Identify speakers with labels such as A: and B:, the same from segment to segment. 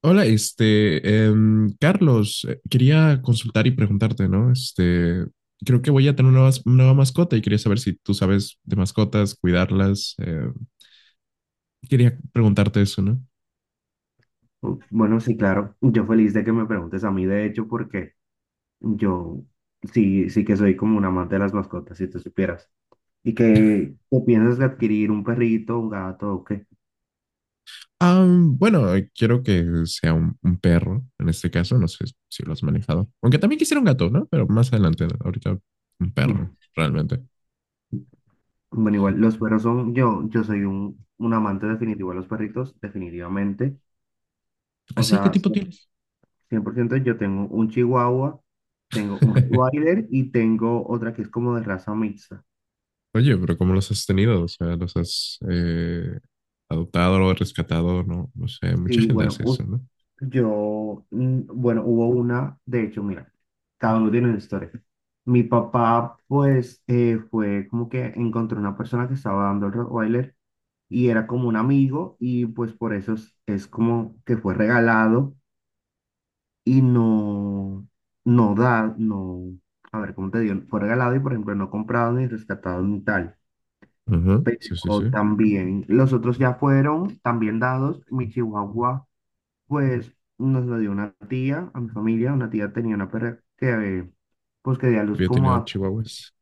A: Hola, Carlos, quería consultar y preguntarte, ¿no? Creo que voy a tener una, nueva mascota y quería saber si tú sabes de mascotas, cuidarlas. Quería preguntarte eso, ¿no?
B: Oh, bueno, sí, claro. Yo feliz de que me preguntes a mí, de hecho, porque yo sí que soy como un amante de las mascotas, si tú supieras. ¿Y que te piensas de adquirir un perrito, un gato o qué?
A: Ah, bueno, quiero que sea un perro, en este caso, no sé si lo has manejado. Aunque también quisiera un gato, ¿no? Pero más adelante, ¿no? Ahorita un perro,
B: Mm.
A: realmente.
B: Bueno, igual, los perros son, yo soy un amante definitivo de los perritos, definitivamente. O
A: Así, ¿qué
B: sea,
A: tipo
B: sí,
A: tienes?
B: 100%, yo tengo un chihuahua, tengo un Rottweiler y tengo otra que es como de raza mixta.
A: Oye, pero ¿cómo los has tenido? O sea, los has adoptado, o rescatado, no, no sé, mucha
B: Sí,
A: gente
B: bueno,
A: hace eso, ¿no?
B: yo, bueno, hubo una, de hecho, mira, cada uno tiene una historia. Mi papá, pues, fue como que encontró una persona que estaba dando el Rottweiler y era como un amigo, y pues por eso es como que fue regalado y no, no da, no, a ver, ¿cómo te digo? Fue regalado y, por ejemplo, no comprado ni rescatado ni tal.
A: Ujú, sí, sí, sí.
B: Pero también, los otros ya fueron también dados. Mi chihuahua, pues, nos lo dio una tía a mi familia; una tía tenía una perra que, pues, que dio a luz
A: Yo he
B: como
A: tenido
B: a
A: chihuahuas.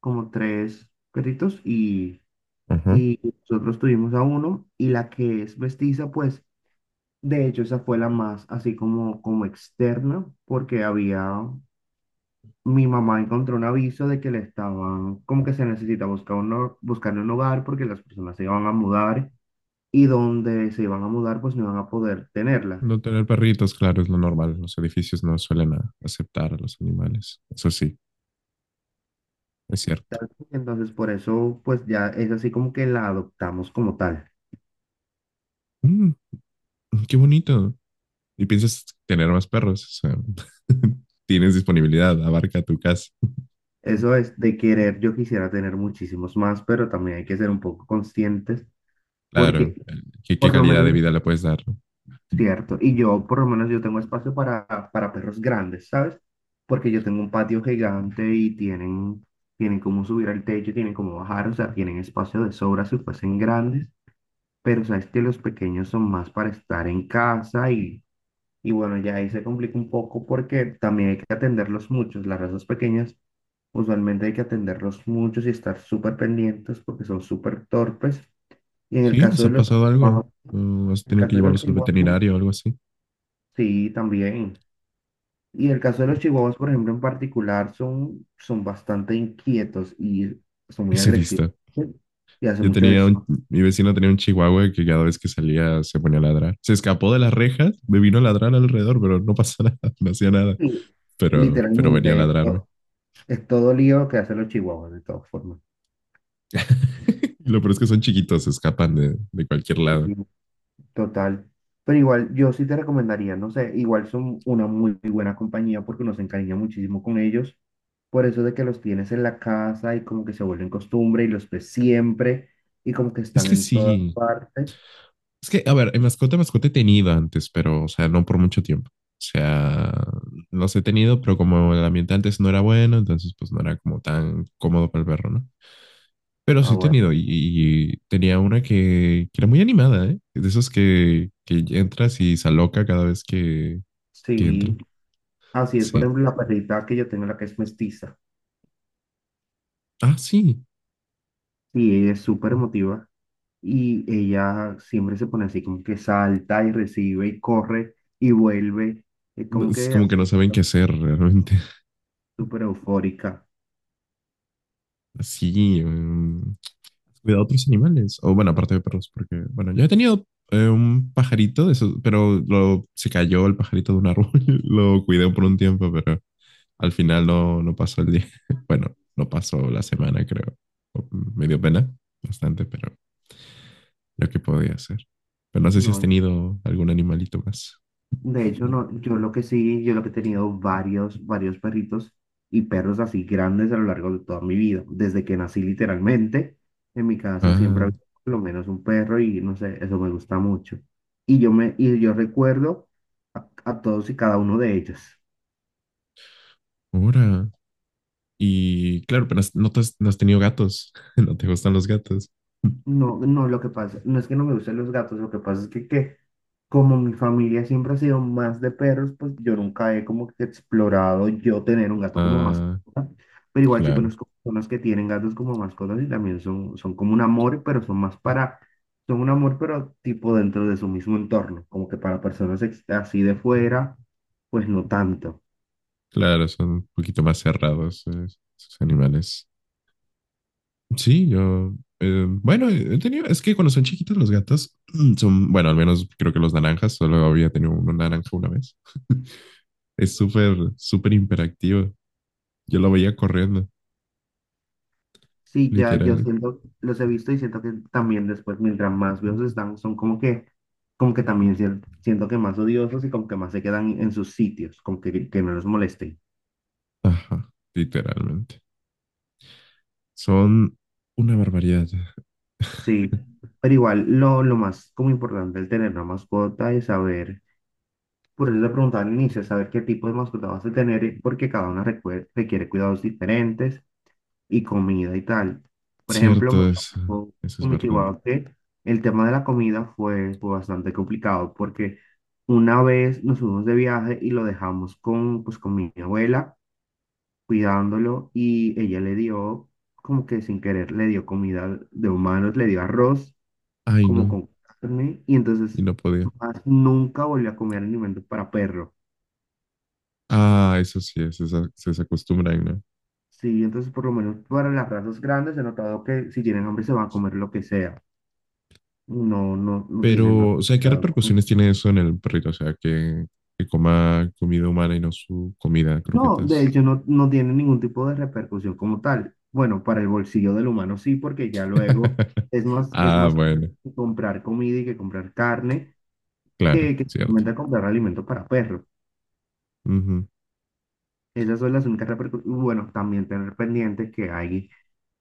B: como tres perritos, y,
A: Ujú.
B: y nosotros tuvimos a uno. Y la que es mestiza, pues, de hecho esa fue la más así como como externa porque había, mi mamá encontró un aviso de que le estaban como que se necesita buscar un buscar un hogar porque las personas se iban a mudar y donde se iban a mudar pues no iban a poder tenerla.
A: No tener perritos, claro, es lo normal. Los edificios no suelen aceptar a los animales. Eso sí, es cierto.
B: Tal, entonces, por eso, pues ya es así como que la adoptamos como tal.
A: Mm, qué bonito. ¿Y piensas tener más perros? O sea, tienes disponibilidad, abarca tu casa.
B: Eso es de querer, yo quisiera tener muchísimos más, pero también hay que ser un poco conscientes porque,
A: Claro, ¿qué
B: por lo
A: calidad
B: menos,
A: de vida le puedes dar? ¿No?
B: cierto, y yo por lo menos yo tengo espacio para perros grandes, ¿sabes? Porque yo tengo un patio gigante y tienen, tienen cómo subir al techo, tienen cómo bajar, o sea, tienen espacio de sobra si fuesen grandes, pero sabes que los pequeños son más para estar en casa. Y bueno, ya ahí se complica un poco porque también hay que atenderlos muchos. Las razas pequeñas, usualmente hay que atenderlos muchos y estar súper pendientes porque son súper torpes. Y en el
A: ¿Sí?
B: caso
A: ¿Les
B: de
A: ha
B: los
A: pasado algo?
B: chihuahuas,
A: ¿O has
B: el
A: tenido que
B: caso de los
A: llevarlos al
B: chihuahuas, bueno,
A: veterinario o algo así?
B: sí, también. Y en el caso de los chihuahuas, por ejemplo, en particular, son, son bastante inquietos y son muy
A: Ese
B: agresivos,
A: vista.
B: ¿sí? Y hacen
A: Yo
B: mucho
A: tenía un,
B: desorden.
A: Mi vecino tenía un chihuahua que cada vez que salía se ponía a ladrar. Se escapó de las rejas, me vino a ladrar alrededor, pero no pasó nada, no hacía nada.
B: Y
A: Pero venía a
B: literalmente,
A: ladrarme.
B: esto es todo lío que hacen los chihuahuas, de todas formas.
A: Y lo peor es que son chiquitos, se escapan de cualquier lado.
B: Total. Pero igual, yo sí te recomendaría, no sé, igual son una muy buena compañía porque uno se encariña muchísimo con ellos. Por eso de que los tienes en la casa y como que se vuelven costumbre y los ves siempre y como que
A: Es
B: están
A: que
B: en todas
A: sí.
B: partes.
A: Es que, a ver, en mascota, mascota he tenido antes, pero, o sea, no por mucho tiempo. O sea, los he tenido, pero como el ambiente antes no era bueno, entonces pues no era como tan cómodo para el perro, ¿no? Pero
B: Ah,
A: sí he
B: bueno.
A: tenido y tenía una que era muy animada, ¿eh? De esos que entras y se aloca cada vez que entra.
B: Sí. Así es, por
A: Sí.
B: ejemplo, la perrita que yo tengo, la que es mestiza.
A: Ah, sí.
B: Y ella es súper emotiva y ella siempre se pone así como que salta y recibe y corre y vuelve. Es
A: No,
B: como
A: es
B: que
A: como que no
B: así,
A: saben qué hacer realmente.
B: súper eufórica.
A: Así, cuidado a otros animales. O bueno, aparte de perros, porque, bueno, yo he tenido un pajarito, de esos, pero se cayó el pajarito de un árbol. Lo cuidé por un tiempo, pero al final no, no pasó el día. Bueno, no pasó la semana, creo. Me dio pena bastante, pero lo que podía hacer. Pero no sé si has
B: No,
A: tenido algún animalito más.
B: de hecho no, yo lo que sí, yo lo que he tenido varios, varios perritos y perros así grandes a lo largo de toda mi vida, desde que nací, literalmente, en mi casa siempre
A: Ah,
B: había por lo menos un perro y no sé, eso me gusta mucho. Y y yo recuerdo a todos y cada uno de ellos.
A: ahora. Y claro, pero no, no has tenido gatos. No te gustan los gatos.
B: No, no, lo que pasa, no es que no me gusten los gatos, lo que pasa es que como mi familia siempre ha sido más de perros, pues yo nunca he como que explorado yo tener un gato como
A: Ah,
B: mascota, pero igual sí
A: claro.
B: conozco personas que tienen gatos como mascotas y también son, son como un amor, pero son más para, son un amor, pero tipo dentro de su mismo entorno, como que para personas así de fuera, pues no tanto.
A: Claro, son un poquito más cerrados, esos animales. Sí, yo, bueno, he tenido, es que cuando son chiquitos los gatos son, bueno, al menos creo que los naranjas, solo había tenido un naranja una vez. Es súper, súper imperactivo. Yo lo veía corriendo,
B: Sí, ya yo
A: literal.
B: siento, los he visto y siento que también después, mientras más viejos están, son como que también siento que más odiosos y como que más se quedan en sus sitios, como que no los molesten.
A: Ajá, literalmente. Son una barbaridad.
B: Sí, pero igual lo más como importante el tener una mascota es saber, por eso le preguntaba al inicio, saber qué tipo de mascota vas a tener, porque cada una requiere cuidados diferentes y comida y tal. Por ejemplo, me
A: Cierto,
B: pasó
A: eso es
B: con mi
A: verdad.
B: chihuahua que el tema de la comida fue, fue bastante complicado porque una vez nos fuimos de viaje y lo dejamos con, pues, con mi abuela cuidándolo, y ella le dio, como que sin querer, le dio comida de humanos, le dio arroz
A: Ay,
B: como
A: no,
B: con carne, y
A: y
B: entonces
A: no podía.
B: más nunca volvió a comer alimentos para perro.
A: Ah, eso sí, se acostumbran, ¿no?
B: Sí, entonces por lo menos para las razas grandes he notado que si tienen hambre se van a comer lo que sea. No, no, no tiene nada.
A: Pero, o sea, ¿qué repercusiones tiene eso en el perrito? O sea, que coma comida humana y no su comida,
B: No, de
A: croquetas.
B: hecho no, no tiene ningún tipo de repercusión como tal. Bueno, para el bolsillo del humano sí, porque ya luego es
A: Ah,
B: más caro
A: bueno,
B: comprar comida y que comprar carne
A: claro,
B: que
A: cierto.
B: simplemente comprar alimento para perros.
A: Ujú.
B: Esas son las únicas repercusiones. Bueno, también tener pendiente que hay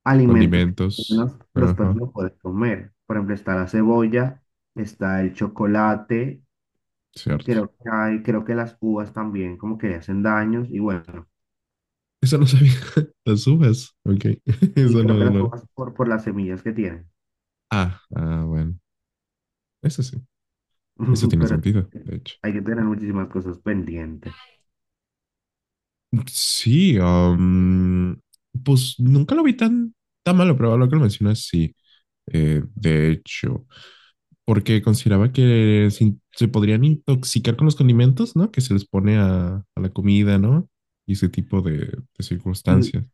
B: alimentos que
A: Condimentos.
B: los perros
A: Ajá,
B: no pueden comer. Por ejemplo, está la cebolla, está el chocolate, y
A: cierto.
B: creo que hay, creo que las uvas también como que le hacen daños y bueno.
A: Eso no sabía. Las uvas. Ok.
B: Y
A: Eso no,
B: creo que
A: no,
B: las
A: no.
B: uvas por las semillas que tienen.
A: Ah, ah, bueno. Eso sí. Eso tiene
B: Pero sí,
A: sentido, de hecho.
B: hay que tener muchísimas cosas pendientes.
A: Sí, pues nunca lo vi tan, tan malo, pero ahora que lo mencionas, sí. De hecho, porque consideraba que se podrían intoxicar con los condimentos, ¿no? Que se les pone a la comida, ¿no? Y ese tipo de
B: Y,
A: circunstancias.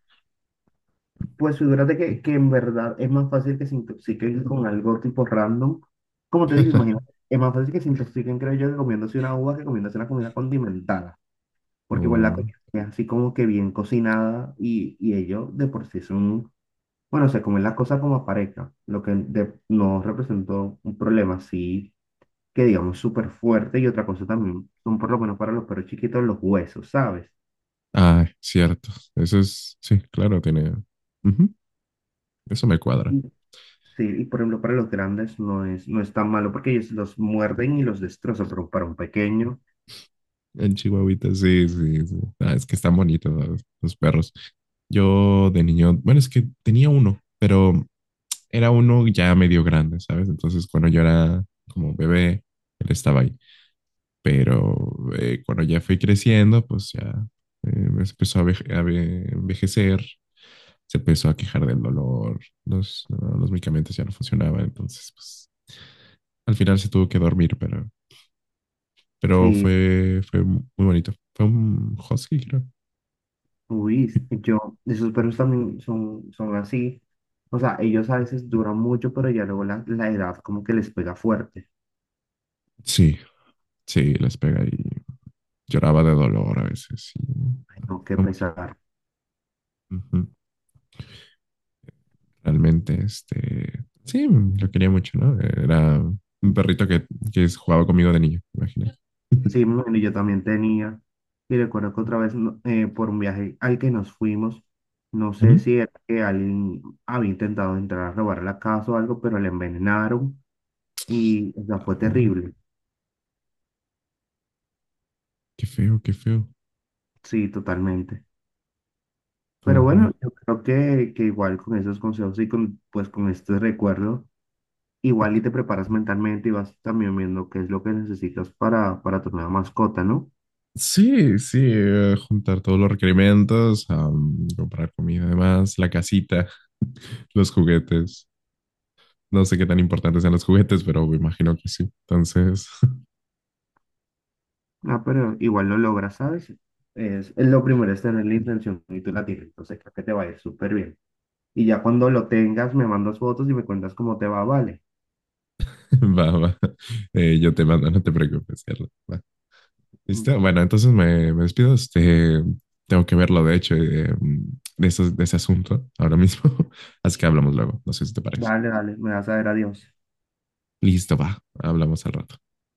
B: pues figúrate que en verdad es más fácil que se intoxiquen con algo tipo random. Como te digo, imagínate, es más fácil que se intoxiquen, creo yo, que comiéndose una uva que comiéndose una comida condimentada. Porque igual la
A: O-
B: comida es así como que bien cocinada y ellos de por sí son, bueno, se comen las cosas como pareja, lo que de- no representó un problema así que digamos súper fuerte. Y otra cosa también son, por lo menos para los perros chiquitos, los huesos, ¿sabes?
A: ah, cierto. Eso es, sí, claro, tiene. Ujú, eso me cuadra.
B: Sí, y por ejemplo, para los grandes no es, no es tan malo porque ellos los muerden y los destrozan, pero para un pequeño,
A: En Chihuahuita, sí, sí, sí. Ah, es que están bonitos los perros. Yo de niño, bueno, es que tenía uno, pero era uno ya medio grande, ¿sabes? Entonces, cuando yo era como bebé, él estaba ahí. Pero cuando ya fui creciendo, pues ya se empezó a envejecer, se empezó a quejar del dolor, no, los medicamentos ya no funcionaban, entonces pues al final se tuvo que dormir, pero
B: sí,
A: fue muy bonito. Fue un husky, creo.
B: uy, yo, esos perros también son, son así. O sea, ellos a veces duran mucho, pero ya luego la, la edad como que les pega fuerte.
A: Sí, sí, les pega y lloraba de dolor a veces. y-
B: Ay, no, qué
A: no,
B: pesar.
A: ujú. Realmente, sí, lo quería mucho, ¿no? Era un perrito que jugaba conmigo de niño, imagínate.
B: Sí, bueno, yo también tenía, y recuerdo que otra vez no- por un viaje al que nos fuimos, no sé
A: Ujú.
B: si era que alguien había intentado entrar a robar la casa o algo, pero le envenenaron y, o sea,
A: Ah,
B: fue
A: oh,
B: terrible.
A: qué feo, qué feo.
B: Sí, totalmente. Pero
A: No,
B: bueno,
A: no.
B: yo creo que igual con esos consejos y con, pues con este recuerdo, igual y te preparas mentalmente y vas también viendo qué es lo que necesitas para tu nueva mascota, ¿no?
A: Sí, sí, juntar todos los requerimientos, comprar comida, además, la casita, los juguetes. No sé qué tan importantes sean los juguetes, pero me imagino que sí. Entonces,
B: Ah, pero igual lo logras, ¿sabes? Es lo primero es tener la intención y tú la tienes, entonces creo que te va a ir súper bien. Y ya cuando lo tengas, me mandas fotos y me cuentas cómo te va, vale.
A: va, va. Yo te mando, no te preocupes, Carla. Va.
B: Mm.
A: ¿Listo? Bueno, entonces me despido. Tengo que verlo, de hecho, de ese asunto ahora mismo. Así que hablamos luego. No sé si te parece.
B: Dale, dale, me vas a ver, adiós.
A: Listo, va. Hablamos al rato.